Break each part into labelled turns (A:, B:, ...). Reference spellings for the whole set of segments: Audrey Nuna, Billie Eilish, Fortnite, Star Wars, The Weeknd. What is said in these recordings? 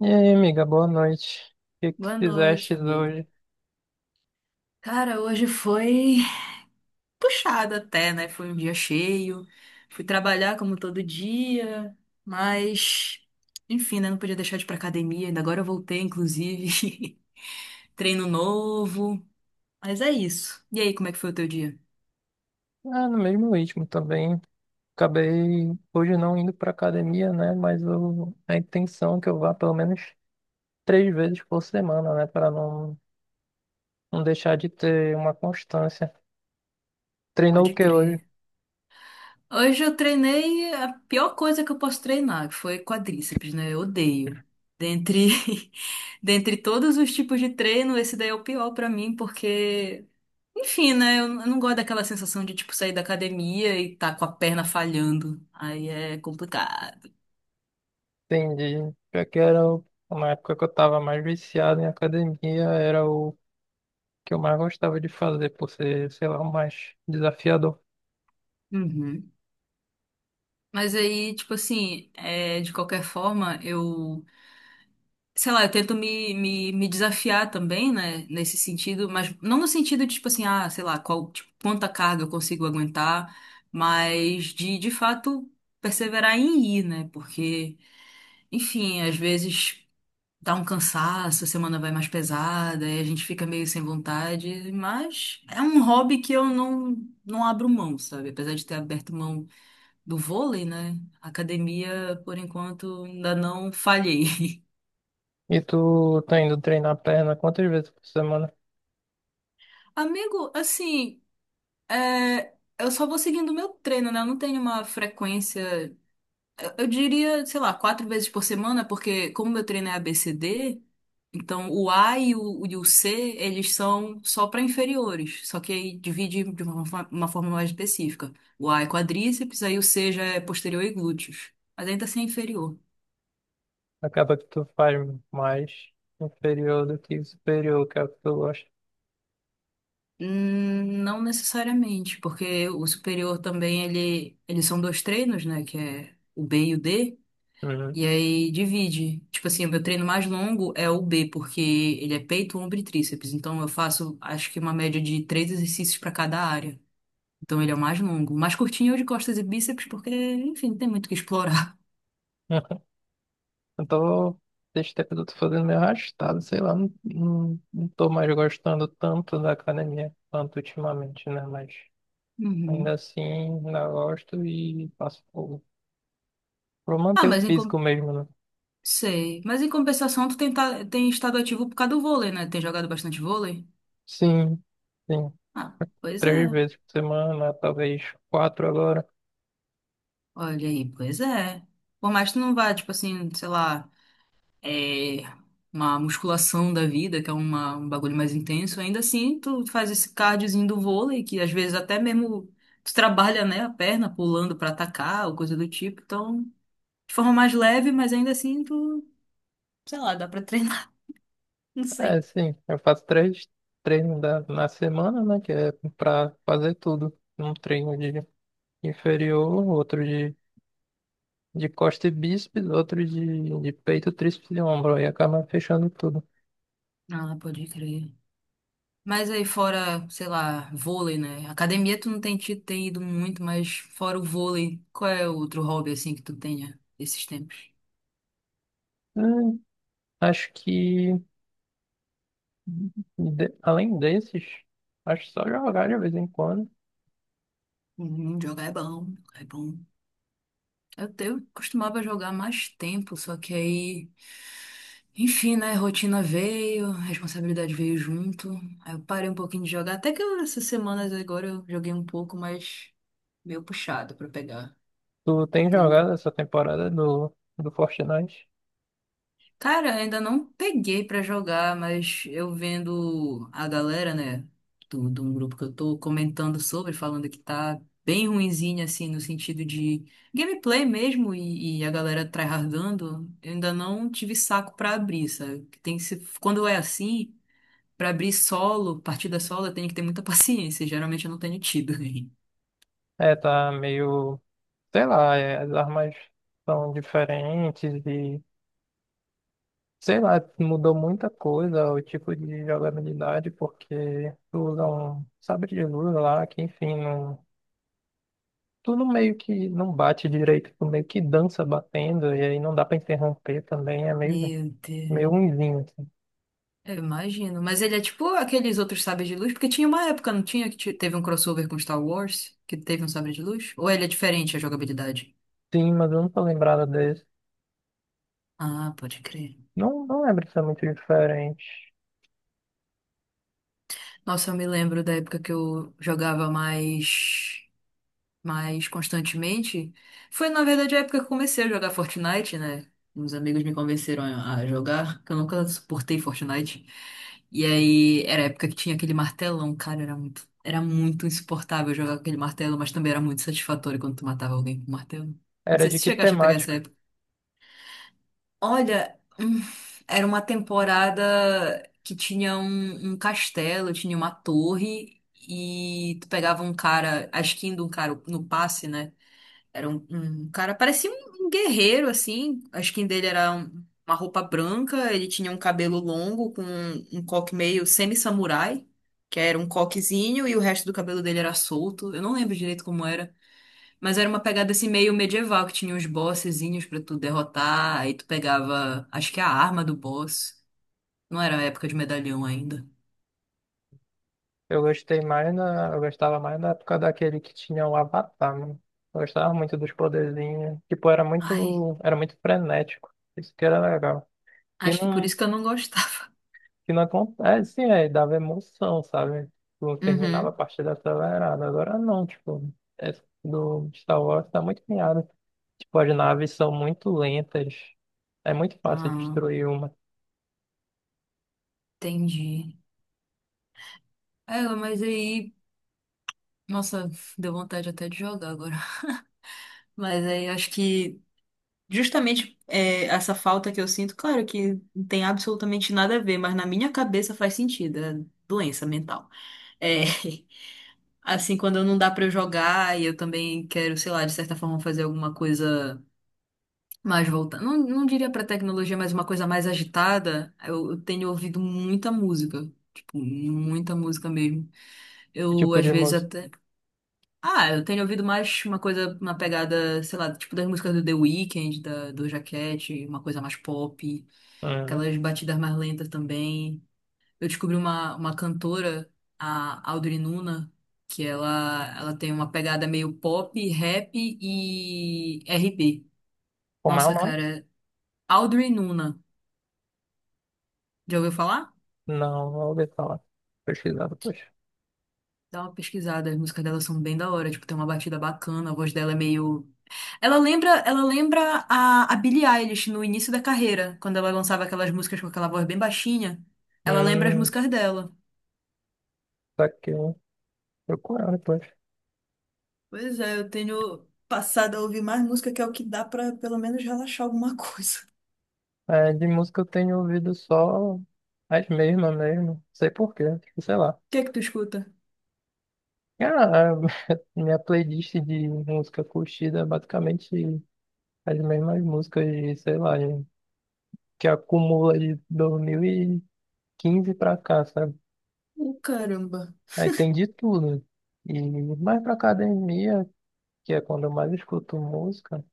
A: E aí, amiga, boa noite. O que que
B: Boa noite,
A: fizeste
B: amigo.
A: hoje?
B: Cara, hoje foi puxado até, né? Foi um dia cheio. Fui trabalhar como todo dia, mas enfim, né? Não podia deixar de ir pra academia. Ainda agora eu voltei, inclusive. Treino novo. Mas é isso. E aí, como é que foi o teu dia?
A: Ah, no mesmo ritmo também. Acabei hoje não indo pra academia, né? Mas a intenção é que eu vá pelo menos três vezes por semana, né? Para não deixar de ter uma constância. Treinou o
B: Pode
A: que hoje?
B: crer. Hoje eu treinei a pior coisa que eu posso treinar, que foi quadríceps, né? Eu odeio. Dentre, dentre todos os tipos de treino, esse daí é o pior pra mim, porque enfim, né? Eu não gosto daquela sensação de, tipo, sair da academia e tá com a perna falhando. Aí é complicado.
A: Entendi. Já que era uma época que eu tava mais viciado em academia, era o que eu mais gostava de fazer, por ser, sei lá, o mais desafiador.
B: Uhum. Mas aí, tipo assim, é, de qualquer forma, eu, sei lá, eu tento me desafiar também, né? Nesse sentido, mas não no sentido de, tipo assim, ah, sei lá, qual, tipo, quanta carga eu consigo aguentar, mas de fato, perseverar em ir, né? Porque, enfim, às vezes dá um cansaço, a semana vai mais pesada, e a gente fica meio sem vontade, mas é um hobby que eu não, não abro mão, sabe? Apesar de ter aberto mão do vôlei, né? A academia, por enquanto, ainda não falhei.
A: E tu tá indo treinar perna quantas vezes por semana?
B: Amigo, assim, é, eu só vou seguindo o meu treino, né? Eu não tenho uma frequência. Eu diria, sei lá, quatro vezes por semana, porque como meu treino é ABCD, então o A e o C, eles são só para inferiores, só que aí divide de uma forma mais específica. O A é quadríceps, aí o C já é posterior e glúteos, mas ainda assim é inferior.
A: Acaba que tu faz mais inferior do que superior, que é o que tu gosta.
B: Não necessariamente, porque o superior também, ele, eles são dois treinos, né, que é o B e o D,
A: Uhum.
B: e aí divide. Tipo assim, o meu treino mais longo é o B, porque ele é peito, ombro e tríceps. Então eu faço, acho que uma média de três exercícios para cada área. Então ele é o mais longo. O mais curtinho é o de costas e bíceps, porque, enfim, tem muito o que explorar.
A: Eu tô, desde tempo eu tô fazendo meio arrastado, sei lá, não tô mais gostando tanto da academia quanto ultimamente, né? Mas ainda
B: Uhum.
A: assim, ainda gosto e faço por
B: Ah,
A: manter o
B: mas em, com-
A: físico mesmo, né?
B: sei. Mas em compensação, tu tem, tem estado ativo por causa do vôlei, né? Tem jogado bastante vôlei?
A: Sim, sim,
B: Ah, pois
A: três
B: é.
A: vezes por semana, talvez quatro agora.
B: Olha aí, pois é. Por mais que tu não vá, tipo assim, sei lá, é, uma musculação da vida, que é uma, um bagulho mais intenso, ainda assim tu faz esse cardiozinho do vôlei, que às vezes até mesmo tu trabalha, né, a perna pulando pra atacar ou coisa do tipo, então de forma mais leve, mas ainda assim tu, sei lá, dá pra treinar, não
A: É,
B: sei.
A: sim, eu faço três treinos na semana, né? Que é pra fazer tudo. Um treino de inferior, outro de costa e bíceps, outro de peito, tríceps e ombro. Aí acaba fechando tudo.
B: Ah, pode crer. Mas aí fora, sei lá, vôlei, né? Academia tu não tem, tem ido muito, mas fora o vôlei, qual é outro hobby assim que tu tenha esses tempos?
A: Hum, acho que, além desses, acho que só jogar de vez em quando.
B: Jogar é bom, jogar é bom. Eu costumava jogar mais tempo, só que aí, enfim, né? Rotina veio, responsabilidade veio junto. Aí eu parei um pouquinho de jogar. Essas semanas agora eu joguei um pouco, mas meio puxado pra pegar.
A: Tu tem jogado essa temporada do Fortnite?
B: Cara, ainda não peguei pra jogar, mas eu vendo a galera, né, do, de um grupo que eu tô comentando sobre, falando que tá bem ruinzinho, assim, no sentido de gameplay mesmo, e a galera tryhardando, eu ainda não tive saco pra abrir, sabe? Que tem que ser, quando é assim, pra abrir solo, partida solo, eu tenho que ter muita paciência, geralmente eu não tenho tido.
A: É, tá meio, sei lá, é, as armas são diferentes. Sei lá, mudou muita coisa, o tipo de jogabilidade, porque tu usa um sabre de luz lá, que enfim, não, tu não, meio que não bate direito, tu meio que dança batendo, e aí não dá pra interromper também, é meio,
B: Meu Deus.
A: meio ruimzinho, assim.
B: Eu imagino. Mas ele é tipo aqueles outros sabres de luz, porque tinha uma época, não tinha, que teve um crossover com Star Wars, que teve um sabre de luz? Ou ele é diferente a jogabilidade?
A: Sim, mas eu não tô lembrado desse.
B: Ah, pode crer.
A: Não, não lembro se é muito diferente.
B: Nossa, eu me lembro da época que eu jogava mais, mais constantemente. Foi, na verdade, a época que eu comecei a jogar Fortnite, né? Uns amigos me convenceram a jogar, que eu nunca suportei Fortnite. E aí, era a época que tinha aquele martelão, cara, era muito insuportável jogar com aquele martelo, mas também era muito satisfatório quando tu matava alguém com martelo. Não
A: Era
B: sei se
A: de
B: tu
A: que
B: chegaste a pegar essa
A: temática?
B: época. Olha, era uma temporada que tinha um, um castelo, tinha uma torre, e tu pegava um cara, a skin de um cara no passe, né? Era um, um cara, parecia um, um guerreiro, assim. A skin dele era uma roupa branca, ele tinha um cabelo longo com um, um coque meio semi-samurai, que era um coquezinho, e o resto do cabelo dele era solto. Eu não lembro direito como era, mas era uma pegada assim meio medieval, que tinha uns bossezinhos pra tu derrotar, aí tu pegava, acho que a arma do boss. Não era a época de medalhão ainda.
A: Eu gostei mais na, eu gostava mais na época daquele que tinha o Avatar, mano. Eu gostava muito dos poderzinhos. Tipo,
B: Ai,
A: era muito frenético. Isso que era legal. que
B: acho que por
A: não,
B: isso que eu não gostava.
A: que não acontece, é, dava emoção, sabe? Tu terminava a
B: Uhum.
A: partida acelerada. Agora não, tipo, é, do Star Wars tá muito piada. Tipo, as naves são muito lentas. É muito fácil
B: Ah,
A: destruir uma.
B: entendi. É, mas aí. Nossa, deu vontade até de jogar agora. Mas aí eu acho que justamente é, essa falta que eu sinto, claro que não tem absolutamente nada a ver, mas na minha cabeça faz sentido, é doença mental. É, assim, quando não dá pra eu jogar e eu também quero, sei lá, de certa forma fazer alguma coisa mais voltada. Não, não diria pra tecnologia, mas uma coisa mais agitada, eu tenho ouvido muita música. Tipo, muita música mesmo.
A: Que
B: Eu,
A: tipo
B: às
A: de
B: vezes,
A: música?
B: até. Ah, eu tenho ouvido mais uma coisa, uma pegada, sei lá, tipo das músicas do The Weeknd, da, do Jaquete, uma coisa mais pop,
A: Uhum.
B: aquelas batidas mais lentas também. Eu descobri uma cantora, a Audrey Nuna, que ela tem uma pegada meio pop, rap e RB.
A: Como é o
B: Nossa,
A: nome?
B: cara, Audrey Nuna, já ouviu falar?
A: Não, não ouvi falar. Pesquisar depois.
B: Dá uma pesquisada, as músicas dela são bem da hora, tipo, tem uma batida bacana, a voz dela é meio ela lembra, ela lembra a Billie Eilish no início da carreira, quando ela lançava aquelas músicas com aquela voz bem baixinha. Ela lembra as
A: Hum,
B: músicas dela.
A: tá aqui, eu procurando depois.
B: Pois é, eu tenho passado a ouvir mais música, que é o que dá pra pelo menos relaxar alguma coisa.
A: É, de música eu tenho ouvido só as mesmas mesmo. Sei por quê, tipo, sei lá.
B: O que é que tu escuta?
A: Cara, minha playlist de música curtida é basicamente as mesmas músicas, de, sei lá, que acumula de 2015 pra cá, sabe?
B: Ô, caramba.
A: Aí tem de tudo. E mais pra academia, que é quando eu mais escuto música,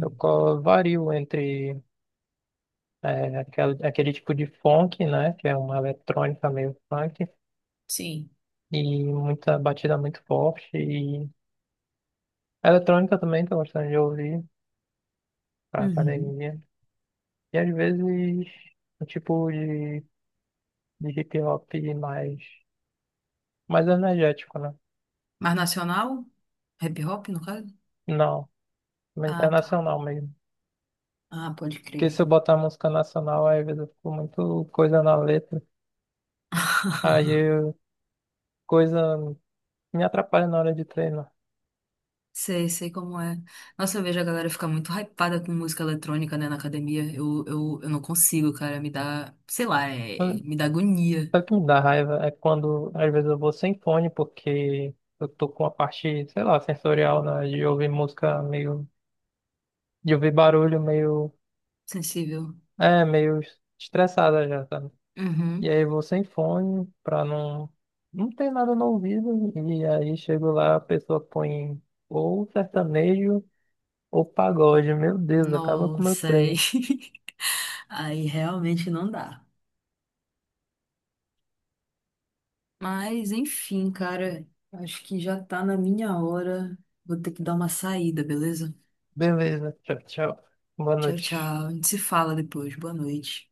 A: eu vario entre é, aquele tipo de funk, né? Que é uma eletrônica meio funk,
B: Sim.
A: e muita batida muito forte. E eletrônica também, tô gostando de ouvir pra
B: Uhum.
A: academia. E às vezes um tipo de hip hop mais energético, né?
B: Mas nacional? Hip hop, no caso?
A: Não,
B: Ah, tá.
A: internacional mesmo.
B: Ah, pode
A: Porque se
B: crer.
A: eu botar música nacional, aí, às vezes eu fico muito coisa na letra. Aí eu, coisa me atrapalha na hora de treinar.
B: Sei, sei como é. Nossa, eu vejo a galera ficar muito hypada com música eletrônica, né, na academia. Eu não consigo, cara. Me dá, sei lá,
A: Mas
B: me dá agonia.
A: sabe o que me dá raiva? É quando às vezes eu vou sem fone porque eu tô com a parte, sei lá, sensorial, né? De ouvir música meio, de ouvir barulho meio,
B: Sensível.
A: é, meio estressada já, sabe? E
B: Uhum.
A: aí eu vou sem fone pra não. Não ter nada no ouvido. E aí chego lá, a pessoa põe ou sertanejo ou pagode. Meu Deus, acaba com o meu
B: Nossa, aí,
A: treino.
B: aí realmente não dá. Mas, enfim, cara, acho que já tá na minha hora. Vou ter que dar uma saída, beleza?
A: Beleza, tchau, tchau. Boa
B: Tchau, tchau.
A: noite.
B: A gente se fala depois. Boa noite.